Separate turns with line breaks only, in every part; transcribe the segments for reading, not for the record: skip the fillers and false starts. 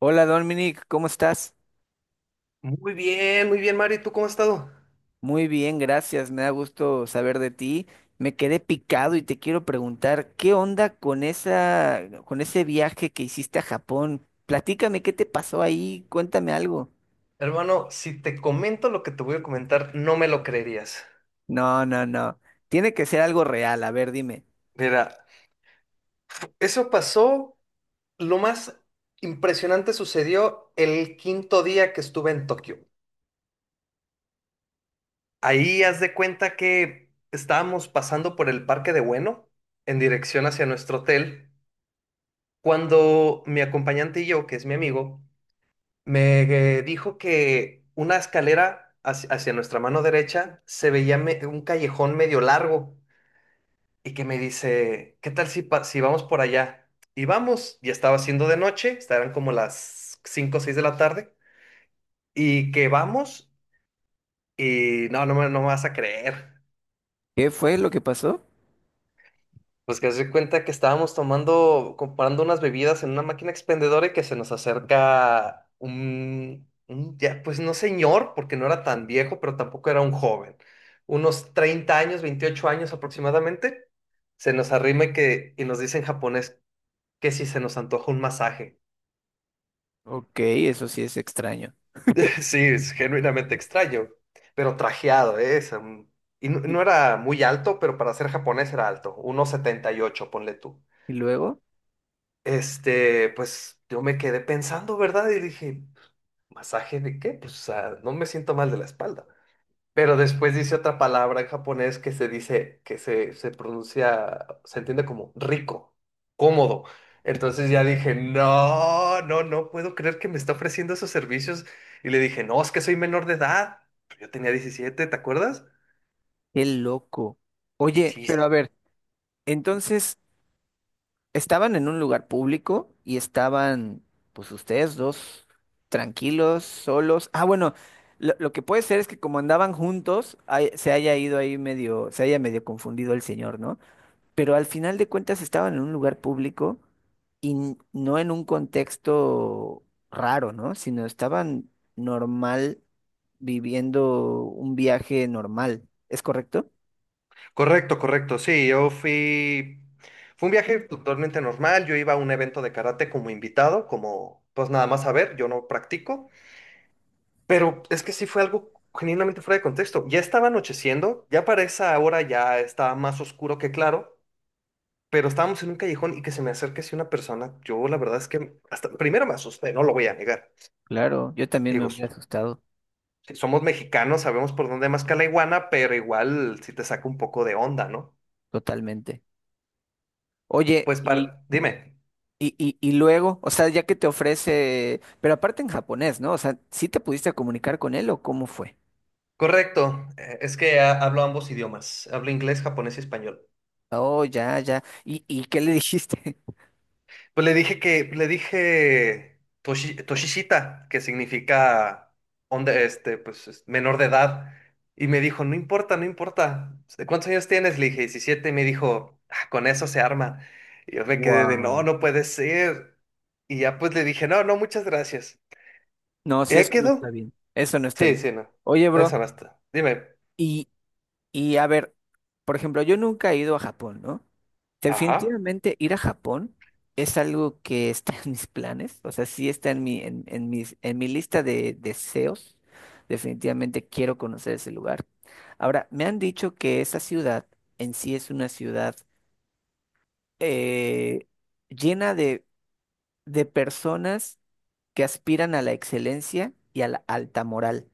Hola Dominic, ¿cómo estás?
Muy bien, Mario. ¿Y tú cómo has estado?
Muy bien, gracias. Me da gusto saber de ti. Me quedé picado y te quiero preguntar, ¿qué onda con esa, con ese viaje que hiciste a Japón? Platícame, ¿qué te pasó ahí? Cuéntame algo.
Hermano, si te comento lo que te voy a comentar, no me lo creerías.
No, no, no. Tiene que ser algo real. A ver, dime.
Mira, eso pasó, lo más impresionante sucedió el quinto día que estuve en Tokio. Ahí haz de cuenta que estábamos pasando por el Parque de Bueno en dirección hacia nuestro hotel, cuando mi acompañante y yo, que es mi amigo, me dijo que una escalera hacia nuestra mano derecha se veía un callejón medio largo, y que me dice, ¿qué tal si vamos por allá? Y vamos, ya estaba haciendo de noche, estarán como las 5 o 6 de la tarde, y que vamos, y no, no me vas a creer.
¿Qué fue lo que pasó?
Pues que se dio cuenta que estábamos tomando, comprando unas bebidas en una máquina expendedora y que se nos acerca un ya, pues no señor, porque no era tan viejo, pero tampoco era un joven. Unos 30 años, 28 años aproximadamente, se nos arrima y que, y nos dice en japonés que si se nos antoja un masaje.
Ok, eso sí es extraño.
Sí, es genuinamente extraño, pero trajeado, ¿eh? Y no,
¿Y
no era muy alto, pero para ser japonés era alto, 1.78 ponle tú.
luego?
Este, pues yo me quedé pensando, ¿verdad? Y dije, ¿masaje de qué? Pues o sea, no me siento mal de la espalda. Pero después dice otra palabra en japonés que se dice, que se pronuncia, se entiende como rico, cómodo. Entonces ya dije, no, no, no puedo creer que me está ofreciendo esos servicios. Y le dije, no, es que soy menor de edad. Pues yo tenía 17, ¿te acuerdas?
Qué loco. Oye,
Sí,
pero a
sí.
ver, entonces. Estaban en un lugar público y estaban, pues ustedes dos, tranquilos, solos. Ah, bueno, lo que puede ser es que como andaban juntos, se haya ido ahí medio, se haya medio confundido el señor, ¿no? Pero al final de cuentas estaban en un lugar público y no en un contexto raro, ¿no? Sino estaban normal, viviendo un viaje normal. ¿Es correcto?
Correcto, correcto. Sí, yo fui, fue un viaje totalmente normal. Yo iba a un evento de karate como invitado, como, pues nada más a ver, yo no practico. Pero es que sí fue algo genuinamente fuera de contexto. Ya estaba anocheciendo, ya para esa hora ya estaba más oscuro que claro, pero estábamos en un callejón y que se me acerque así una persona. Yo la verdad es que hasta primero me asusté, no lo voy a negar.
Claro, yo también me
Digo,
hubiera asustado
si somos mexicanos, sabemos por dónde más que la iguana, pero igual si te saca un poco de onda, ¿no?
totalmente. Oye,
Pues
y
dime,
Y, y, y luego, o sea, ya que te ofrece, pero aparte en japonés, ¿no? O sea, ¿sí te pudiste comunicar con él o cómo fue?
correcto, es que hablo ambos idiomas, hablo inglés, japonés y español.
Oh, ya, ya. Y qué le dijiste?
Pues le dije que, le dije Toshishita, que significa onda- este, pues, es- menor de edad. Y me dijo, no importa, no importa. ¿De cuántos años tienes? Le dije, 17. Y me dijo, "Ah, con eso se arma." Y yo me quedé de, no,
Wow.
no puede ser. Y ya pues le dije, no, no, muchas gracias.
No,
¿Y
sí,
ahí
eso no está
quedó?
bien. Eso no está
Sí,
bien.
sí, no.
Oye, bro,
Eso no está. Dime.
y, y a ver, por ejemplo, yo nunca he ido a Japón, ¿no?
Ajá,
Definitivamente ir a Japón es algo que está en mis planes, o sea, sí está en mi, en mis, en mi lista de deseos. Definitivamente quiero conocer ese lugar. Ahora, me han dicho que esa ciudad en sí es una ciudad eh, llena de personas que aspiran a la excelencia y a la alta moral.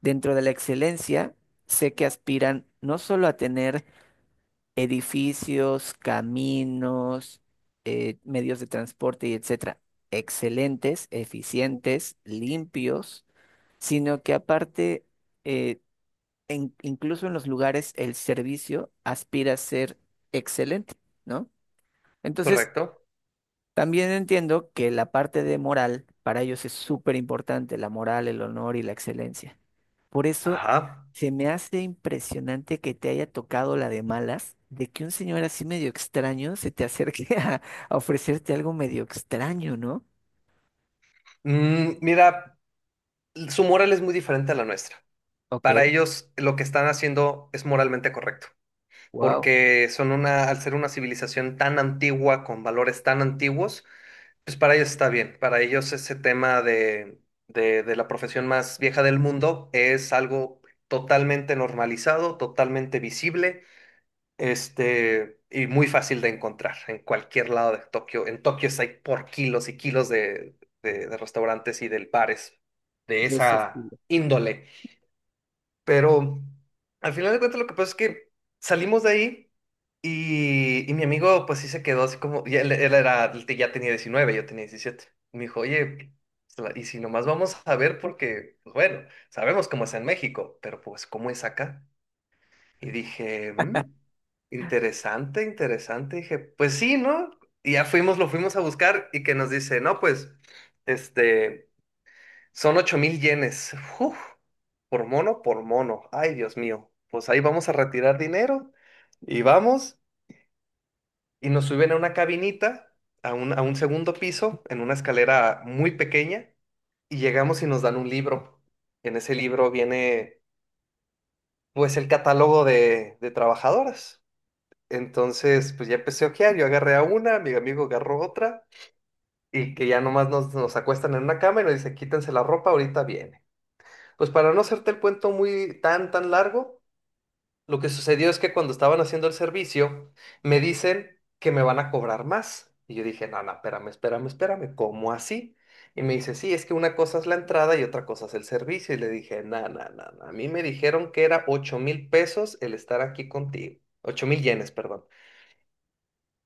Dentro de la excelencia, sé que aspiran no solo a tener edificios, caminos, medios de transporte y etcétera, excelentes, eficientes, limpios, sino que aparte, eh, incluso en los lugares, el servicio aspira a ser excelente, ¿no? Entonces,
correcto.
también entiendo que la parte de moral para ellos es súper importante, la moral, el honor y la excelencia. Por eso
Ajá.
se me hace impresionante que te haya tocado la de malas, de que un señor así medio extraño se te acerque a ofrecerte algo medio extraño, ¿no?
Mm, mira, su moral es muy diferente a la nuestra. Para
Ok,
ellos lo que están haciendo es moralmente correcto,
wow,
porque son una, al ser una civilización tan antigua, con valores tan antiguos, pues para ellos está bien. Para ellos ese tema de la profesión más vieja del mundo es algo totalmente normalizado, totalmente visible, este, y muy fácil de encontrar en cualquier lado de Tokio. En Tokio hay por kilos y kilos de restaurantes y de bares de
de ese
esa
estilo.
índole. Pero al final de cuentas lo que pasa es que salimos de ahí y mi amigo pues sí se quedó así como, y él era, él te- ya tenía 19, yo tenía 17. Me dijo, oye, pues, y si nomás vamos a ver porque, pues bueno, sabemos cómo es en México, pero pues cómo es acá. Y dije, "Mm, interesante, interesante." Dije, pues sí, ¿no? Y ya fuimos, lo fuimos a buscar y que nos dice, no, pues, este... Son 8,000 yenes. Uf, por mono, por mono. Ay, Dios mío. Pues ahí vamos a retirar dinero y vamos y nos suben a una cabinita, a un segundo piso, en una escalera muy pequeña y llegamos y nos dan un libro. En ese libro viene pues el catálogo de trabajadoras. Entonces, pues ya empecé a ojear, yo agarré a una, mi amigo agarró otra y que ya nomás nos, nos acuestan en una cama y nos dice, quítense la ropa, ahorita viene. Pues para no hacerte el cuento muy tan, tan largo, lo que sucedió es que cuando estaban haciendo el servicio, me dicen que me van a cobrar más. Y yo dije, no, no, espérame, espérame, espérame, ¿cómo así? Y me dice, sí, es que una cosa es la entrada y otra cosa es el servicio. Y le dije, no, no, no, no, a mí me dijeron que era 8,000 pesos el estar aquí contigo. 8,000 yenes, perdón.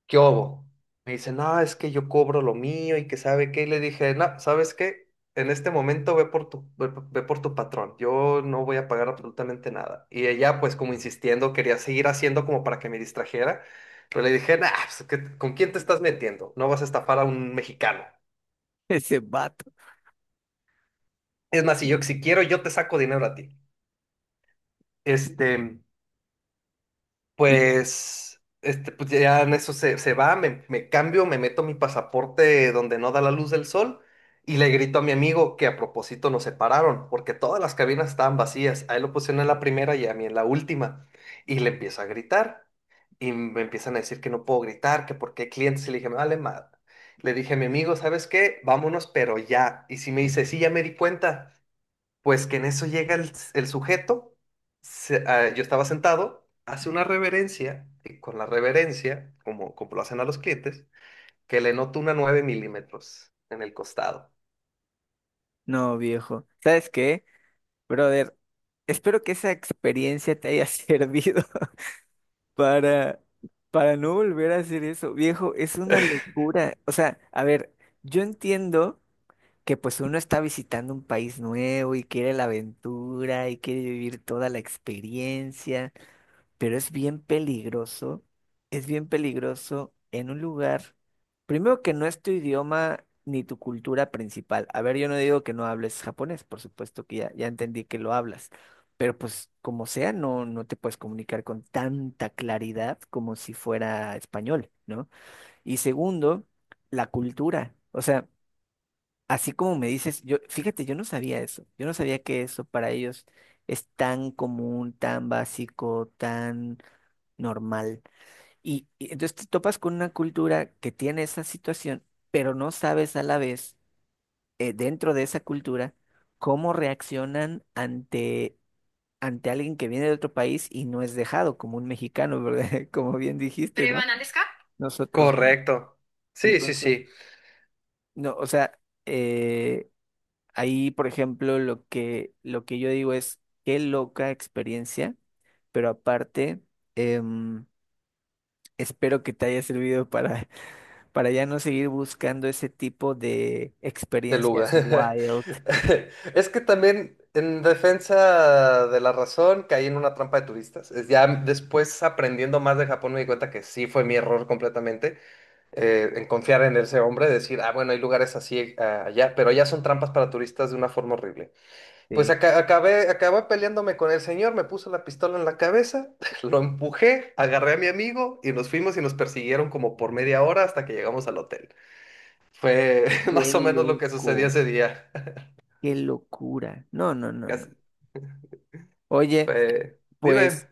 ¿Qué hubo? Me dice, no, es que yo cobro lo mío y que sabe qué. Y le dije, no, ¿sabes qué? En este momento ve por tu patrón, yo no voy a pagar absolutamente nada. Y ella, pues como insistiendo, quería seguir haciendo como para que me distrajera, pero le dije, nah, pues, ¿qué- ¿con quién te estás metiendo? No vas a estafar a un mexicano.
Ese vato.
Es más, si yo, si quiero, yo te saco dinero a ti. Este,
Y luego.
pues, este, pues ya en eso se va, me cambio, me, meto mi pasaporte donde no da la luz del sol y le grito a mi amigo que a propósito nos separaron porque todas las cabinas estaban vacías. A él lo pusieron en la primera y a mí en la última. Y le empiezo a gritar y me empiezan a decir que no puedo gritar, que porque hay clientes. Y le dije, me vale madre. Le dije a mi amigo, ¿sabes qué? Vámonos, pero ya. Y si me dice, sí, ya me di cuenta. Pues que en eso llega el sujeto, yo estaba sentado, hace una reverencia, y con la reverencia, como lo hacen a los clientes, que le noto una 9 mm en el costado.
No, viejo. ¿Sabes qué, brother? Espero que esa experiencia te haya servido para, para no volver a hacer eso. Viejo, es una locura. O sea, a ver, yo entiendo que pues uno está visitando un país nuevo y quiere la aventura y quiere vivir toda la experiencia, pero es bien peligroso en un lugar, primero que no es tu idioma ni tu cultura principal. A ver, yo no digo que no hables japonés, por supuesto que ya, ya entendí que lo hablas, pero pues como sea, no, no te puedes comunicar con tanta claridad como si fuera español, ¿no? Y segundo, la cultura. O sea, así como me dices, yo, fíjate, yo no sabía eso. Yo no sabía que eso para ellos es tan común, tan básico, tan normal. Y entonces te topas con una cultura que tiene esa situación, pero no sabes a la vez, dentro de esa cultura, cómo reaccionan ante, ante alguien que viene de otro país y no es dejado, como un mexicano, ¿verdad? Como bien dijiste, ¿no?
¿Prevan deska?
Nosotros, ¿no?
Correcto. Sí, sí,
Entonces,
sí,
no, o sea, eh, ahí, por ejemplo, lo que yo digo es, qué loca experiencia, pero aparte, em, espero que te haya servido para, para ya no seguir buscando ese tipo de
de
experiencias
Luga.
wild,
Es que también en defensa de la razón caí en una trampa de turistas. Es ya después, aprendiendo más de Japón, me di cuenta que sí fue mi error completamente, en confiar en ese hombre, decir, ah, bueno, hay lugares así ah, allá, pero allá son trampas para turistas de una forma horrible. Pues
de
acabé peleándome con el señor, me puso la pistola en la cabeza, lo empujé, agarré a mi amigo y nos fuimos y nos persiguieron como por media hora hasta que llegamos al hotel. Fue
qué
más o menos lo que sucedió
loco,
ese día.
qué locura. No, no, no, no.
Casi-
Oye,
fue-
pues...
Dime.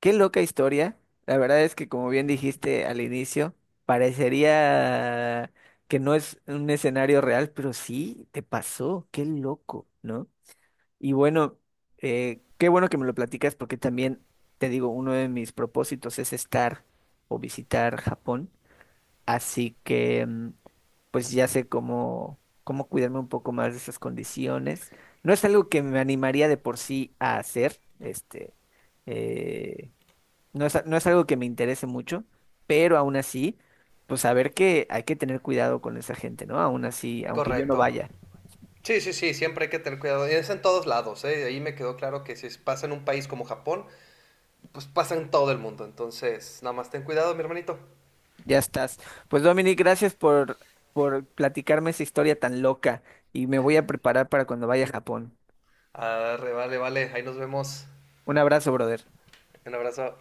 Qué loca historia. La verdad es que, como bien dijiste al inicio, parecería que no es un escenario real, pero sí te pasó. Qué loco, ¿no? Y bueno, qué bueno que me lo platicas porque también, te digo, uno de mis propósitos es estar o visitar Japón. Así que, mm, pues ya sé cómo, cómo cuidarme un poco más de esas condiciones. No es algo que me animaría de por sí a hacer, este. eh, no es, no es algo que me interese mucho, pero aún así, pues saber que hay que tener cuidado con esa gente, ¿no? Aún así, aunque yo no
Correcto.
vaya,
Sí, sí, sí, siempre hay que tener cuidado. Y es en todos lados, ¿eh? Ahí me quedó claro que si pasa en un país como Japón, pues pasa en todo el mundo. Entonces, nada más ten cuidado, mi hermanito.
ya estás. Pues Dominic, gracias por platicarme esa historia tan loca y me voy a preparar para cuando vaya a Japón.
Arre, vale, vale. Ahí nos vemos.
Un abrazo, brother.
Un abrazo.